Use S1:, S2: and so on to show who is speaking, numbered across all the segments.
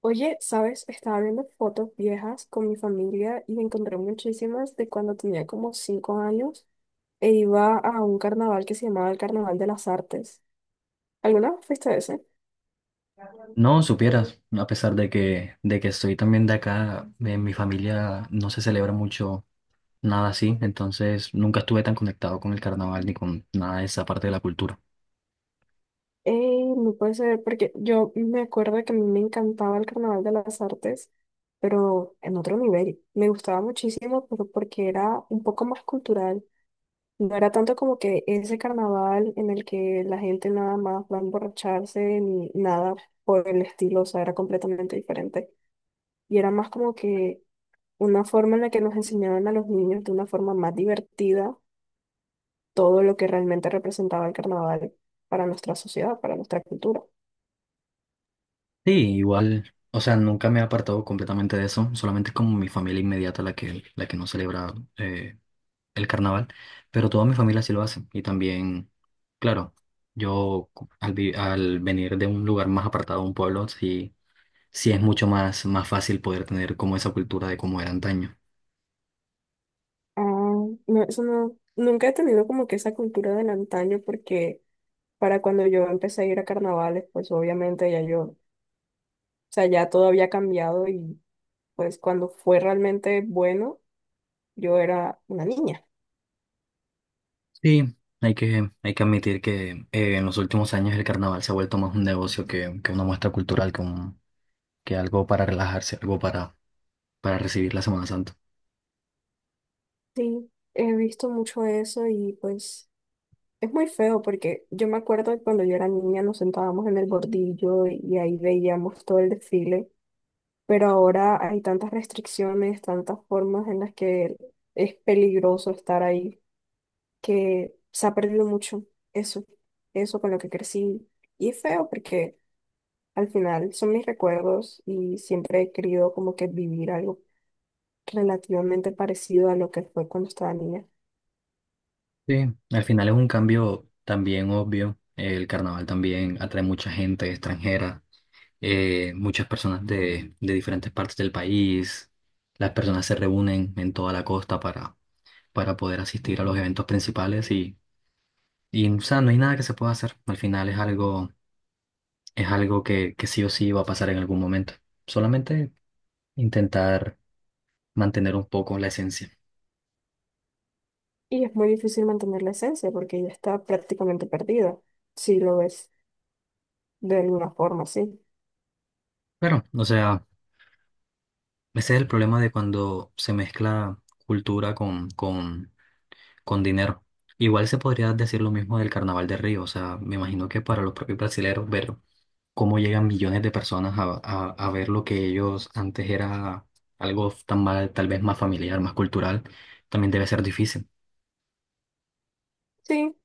S1: Oye, ¿sabes? Estaba viendo fotos viejas con mi familia y encontré muchísimas de cuando tenía como 5 años e iba a un carnaval que se llamaba el Carnaval de las Artes. ¿Alguna vez fuiste a ese?
S2: No, supieras, a pesar de que soy también de acá, en mi familia no se celebra mucho nada así, entonces nunca estuve tan conectado con el carnaval ni con nada de esa parte de la cultura.
S1: Ey, no puede ser, porque yo me acuerdo que a mí me encantaba el Carnaval de las Artes, pero en otro nivel. Me gustaba muchísimo, pero porque era un poco más cultural. No era tanto como que ese carnaval en el que la gente nada más va a emborracharse ni nada por el estilo, o sea, era completamente diferente. Y era más como que una forma en la que nos enseñaban a los niños de una forma más divertida todo lo que realmente representaba el carnaval para nuestra sociedad, para nuestra cultura.
S2: Sí, igual, o sea, nunca me he apartado completamente de eso, solamente como mi familia inmediata la que no celebra el carnaval, pero toda mi familia sí lo hace y también, claro, yo cu- al, vi- al venir de un lugar más apartado, un pueblo, sí, sí es mucho más fácil poder tener como esa cultura de cómo era antaño.
S1: Ah, no, eso no, nunca he tenido como que esa cultura del antaño porque para cuando yo empecé a ir a carnavales, pues obviamente ya yo, o sea, ya todo había cambiado y pues cuando fue realmente bueno, yo era una niña.
S2: Sí, hay que admitir que en los últimos años el carnaval se ha vuelto más un negocio que una muestra cultural, que algo para relajarse, algo para recibir la Semana Santa.
S1: Sí, he visto mucho eso y pues es muy feo porque yo me acuerdo que cuando yo era niña nos sentábamos en el bordillo y ahí veíamos todo el desfile, pero ahora hay tantas restricciones, tantas formas en las que es peligroso estar ahí, que se ha perdido mucho eso, eso con lo que crecí. Y es feo porque al final son mis recuerdos y siempre he querido como que vivir algo relativamente parecido a lo que fue cuando estaba niña.
S2: Sí, al final es un cambio también obvio. El carnaval también atrae mucha gente extranjera, muchas personas de diferentes partes del país. Las personas se reúnen en toda la costa para poder asistir a los eventos principales y o sea, no hay nada que se pueda hacer. Al final es algo que sí o sí va a pasar en algún momento. Solamente intentar mantener un poco la esencia.
S1: Y es muy difícil mantener la esencia porque ella está prácticamente perdida, si lo ves de alguna forma, sí.
S2: Pero, o sea, ese es el problema de cuando se mezcla cultura con dinero. Igual se podría decir lo mismo del Carnaval de Río. O sea, me imagino que para los propios brasileros ver cómo llegan millones de personas a ver lo que ellos antes era algo tan mal, tal vez más familiar, más cultural, también debe ser difícil.
S1: Sí,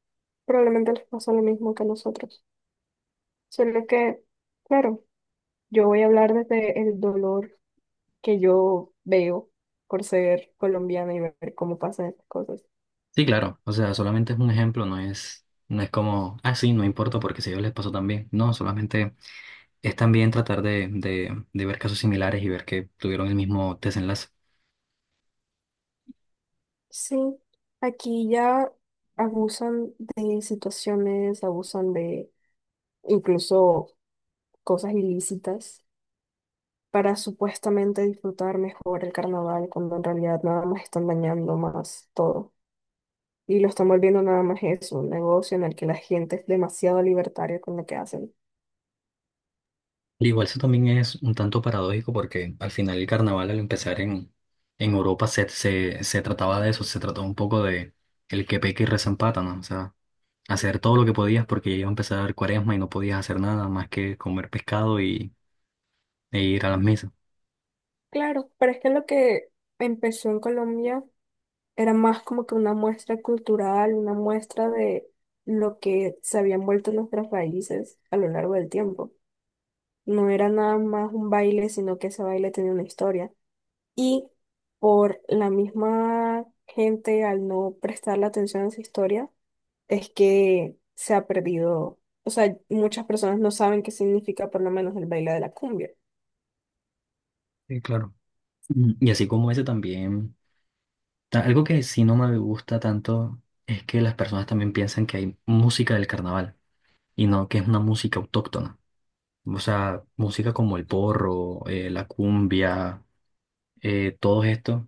S1: probablemente les pasa lo mismo que a nosotros. Solo que, claro, yo voy a hablar desde el dolor que yo veo por ser colombiana y ver cómo pasan estas cosas.
S2: Sí, claro, o sea, solamente es un ejemplo, no es como, ah, sí, no importa porque si a ellos les pasó también. No, solamente es también tratar de ver casos similares y ver que tuvieron el mismo desenlace.
S1: Sí, aquí ya abusan de situaciones, abusan de incluso cosas ilícitas para supuestamente disfrutar mejor el carnaval, cuando en realidad nada más están dañando más todo. Y lo están volviendo nada más eso, un negocio en el que la gente es demasiado libertaria con lo que hacen.
S2: Y igual eso también es un tanto paradójico porque al final el carnaval al empezar en Europa se trataba de eso, se trató un poco de el que peca y reza empata, ¿no? O sea, hacer todo lo que podías porque ya iba a empezar cuaresma y no podías hacer nada más que comer pescado e ir a las misas.
S1: Claro, pero es que lo que empezó en Colombia era más como que una muestra cultural, una muestra de lo que se habían vuelto nuestras raíces a lo largo del tiempo. No era nada más un baile, sino que ese baile tenía una historia. Y por la misma gente, al no prestarle atención a esa historia, es que se ha perdido. O sea, muchas personas no saben qué significa por lo menos el baile de la cumbia.
S2: Sí, claro. Y así como ese también. Algo que sí no me gusta tanto es que las personas también piensan que hay música del carnaval y no que es una música autóctona. O sea, música como el porro, la cumbia, todo esto,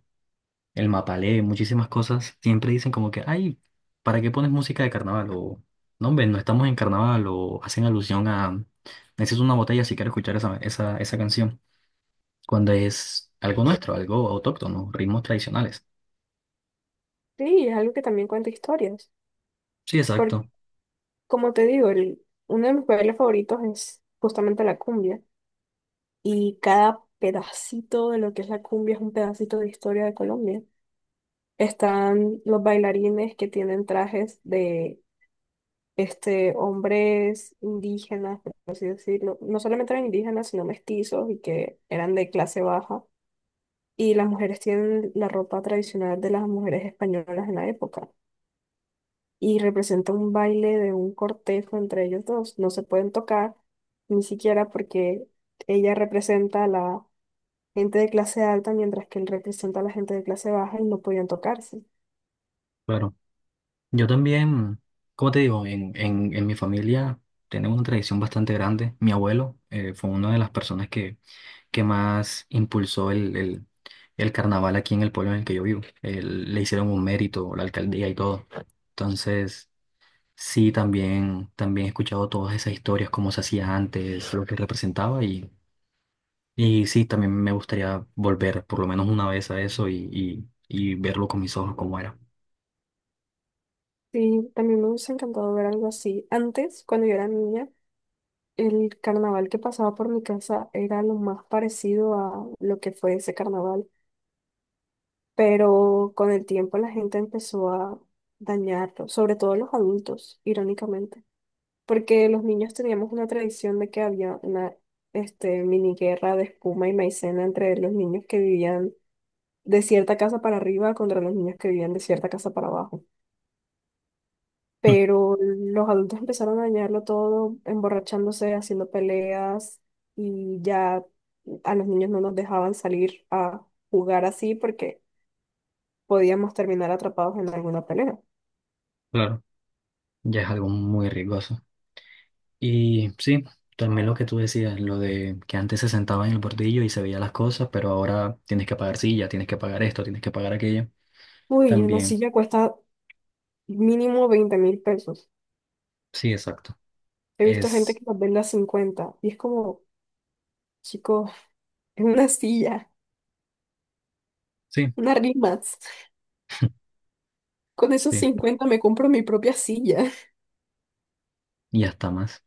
S2: el mapalé, muchísimas cosas, siempre dicen como que, ay, ¿para qué pones música de carnaval? O, no, hombre, no estamos en carnaval o hacen alusión a, necesito una botella si quiero escuchar esa canción, cuando es algo nuestro, algo autóctono, ritmos tradicionales.
S1: Sí, es algo que también cuenta historias.
S2: Sí,
S1: Porque,
S2: exacto.
S1: como te digo, uno de mis bailes favoritos es justamente la cumbia. Y cada pedacito de lo que es la cumbia es un pedacito de historia de Colombia. Están los bailarines que tienen trajes de este, hombres indígenas, por así decirlo, no solamente eran indígenas, sino mestizos y que eran de clase baja. Y las mujeres tienen la ropa tradicional de las mujeres españolas en la época. Y representa un baile de un cortejo entre ellos dos. No se pueden tocar, ni siquiera porque ella representa a la gente de clase alta, mientras que él representa a la gente de clase baja y no podían tocarse.
S2: Claro. Yo también, como te digo, en mi familia tenemos una tradición bastante grande. Mi abuelo fue una de las personas que más impulsó el carnaval aquí en el pueblo en el que yo vivo. Le hicieron un mérito, la alcaldía y todo. Entonces, sí, también he escuchado todas esas historias, cómo se hacía antes, lo que representaba y sí, también me gustaría volver por lo menos una vez a eso y, y verlo con mis ojos cómo era.
S1: Sí, también me hubiese encantado ver algo así. Antes, cuando yo era niña, el carnaval que pasaba por mi casa era lo más parecido a lo que fue ese carnaval, pero con el tiempo la gente empezó a dañarlo, sobre todo los adultos, irónicamente, porque los niños teníamos una tradición de que había una este, mini guerra de espuma y maicena entre los niños que vivían de cierta casa para arriba contra los niños que vivían de cierta casa para abajo. Pero los adultos empezaron a dañarlo todo, emborrachándose, haciendo peleas y ya a los niños no nos dejaban salir a jugar así porque podíamos terminar atrapados en alguna pelea.
S2: Claro, ya es algo muy riesgoso. Y sí, también lo que tú decías, lo de que antes se sentaba en el bordillo y se veía las cosas, pero ahora tienes que pagar silla, tienes que pagar esto, tienes que pagar aquello.
S1: Uy, una
S2: También,
S1: silla cuesta mínimo 20.000 pesos.
S2: sí, exacto.
S1: He visto gente
S2: Es,
S1: que las vende a 50 y es como, chicos, es una silla,
S2: sí,
S1: unas rimas. Con esos
S2: sí,
S1: 50 me compro mi propia silla.
S2: y hasta más.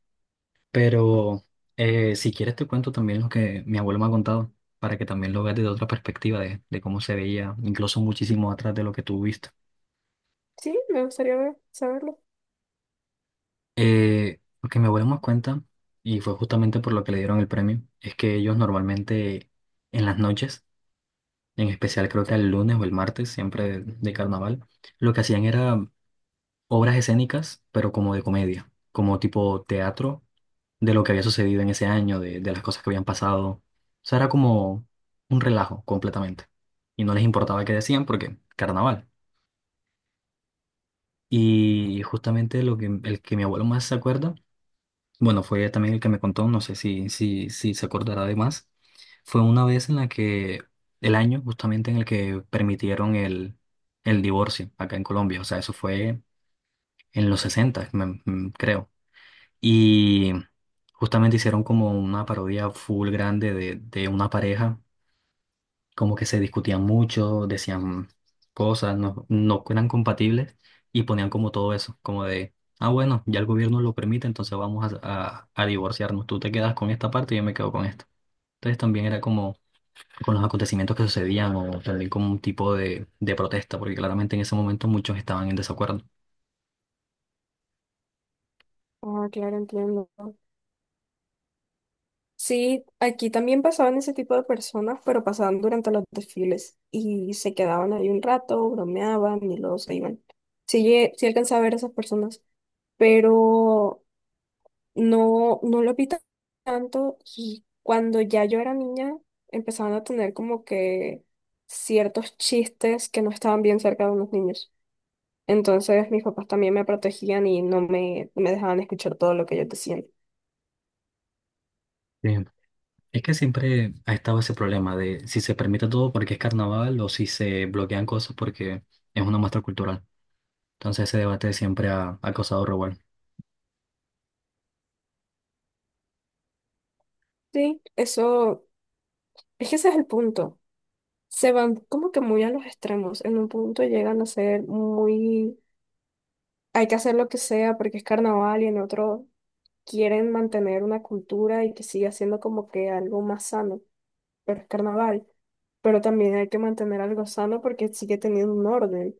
S2: Pero si quieres te cuento también lo que mi abuelo me ha contado, para que también lo veas desde otra perspectiva, de cómo se veía, incluso muchísimo atrás de lo que tú viste.
S1: Sí, me gustaría saberlo.
S2: Lo que mi abuelo me cuenta, y fue justamente por lo que le dieron el premio, es que ellos normalmente en las noches en especial creo que el lunes o el martes, siempre de carnaval, lo que hacían era obras escénicas, pero como de comedia, como tipo teatro de lo que había sucedido en ese año, de las cosas que habían pasado. O sea, era como un relajo completamente. Y no les importaba qué decían porque carnaval. Y justamente el que mi abuelo más se acuerda. Bueno, fue también el que me contó, no sé si se acordará de más. Fue una vez en la que, el año justamente en el que permitieron el divorcio acá en Colombia, o sea, eso fue en los 60, creo. Y justamente hicieron como una parodia full grande de una pareja como que se discutían mucho, decían cosas, no eran compatibles y ponían como todo eso, como de, ah, bueno, ya el gobierno lo permite, entonces vamos a divorciarnos, tú te quedas con esta parte y yo me quedo con esta. Entonces también era como con los acontecimientos que sucedían o también como un tipo de protesta, porque claramente en ese momento muchos estaban en desacuerdo.
S1: Ah, claro, entiendo. Sí, aquí también pasaban ese tipo de personas, pero pasaban durante los desfiles y se quedaban ahí un rato, bromeaban y luego se iban. Sí, sí alcanzaba a ver a esas personas, pero no, no lo vi tanto y cuando ya yo era niña empezaban a tener como que ciertos chistes que no estaban bien cerca de unos niños. Entonces mis papás también me protegían y no me dejaban escuchar todo lo que ellos decían.
S2: Sí. Es que siempre ha estado ese problema de si se permite todo porque es carnaval o si se bloquean cosas porque es una muestra cultural. Entonces ese debate siempre ha causado revuelo.
S1: Sí, eso, es que ese es el punto. Se van como que muy a los extremos. En un punto llegan a ser muy, hay que hacer lo que sea porque es carnaval y en otro quieren mantener una cultura y que siga siendo como que algo más sano, pero es carnaval. Pero también hay que mantener algo sano porque sigue teniendo un orden.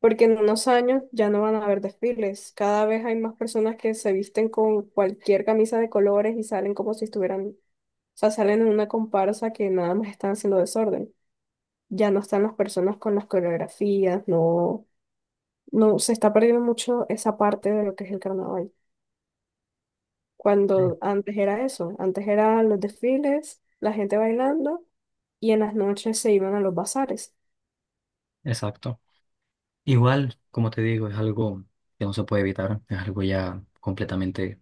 S1: Porque en unos años ya no van a haber desfiles. Cada vez hay más personas que se visten con cualquier camisa de colores y salen como si estuvieran, o sea, salen en una comparsa que nada más están haciendo desorden. Ya no están las personas con las coreografías, no, no, se está perdiendo mucho esa parte de lo que es el carnaval.
S2: Sí,
S1: Cuando antes era eso, antes eran los desfiles, la gente bailando y en las noches se iban a los bazares.
S2: exacto. Igual, como te digo, es algo que no se puede evitar, es algo ya completamente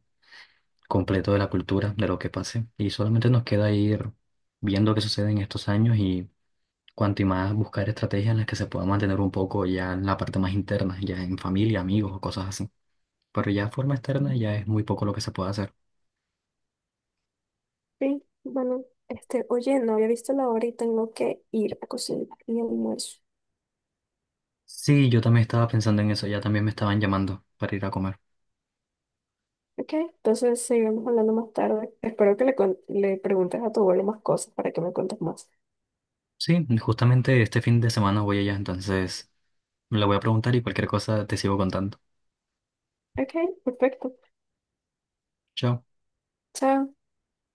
S2: completo de la cultura, de lo que pase, y solamente nos queda ir viendo qué sucede en estos años y cuanto y más buscar estrategias en las que se pueda mantener un poco ya en la parte más interna, ya en familia, amigos o cosas así. Pero ya de forma externa ya es muy poco lo que se puede hacer.
S1: Sí, bueno, este, oye, no había visto la hora y tengo que ir a cocinar mi almuerzo.
S2: Sí, yo también estaba pensando en eso, ya también me estaban llamando para ir a comer.
S1: Ok, entonces seguimos hablando más tarde. Espero que le, le preguntes a tu abuelo más cosas para que me cuentes más.
S2: Sí, justamente este fin de semana voy allá, entonces le voy a preguntar y cualquier cosa te sigo contando.
S1: Ok, perfecto.
S2: Chao.
S1: Chao.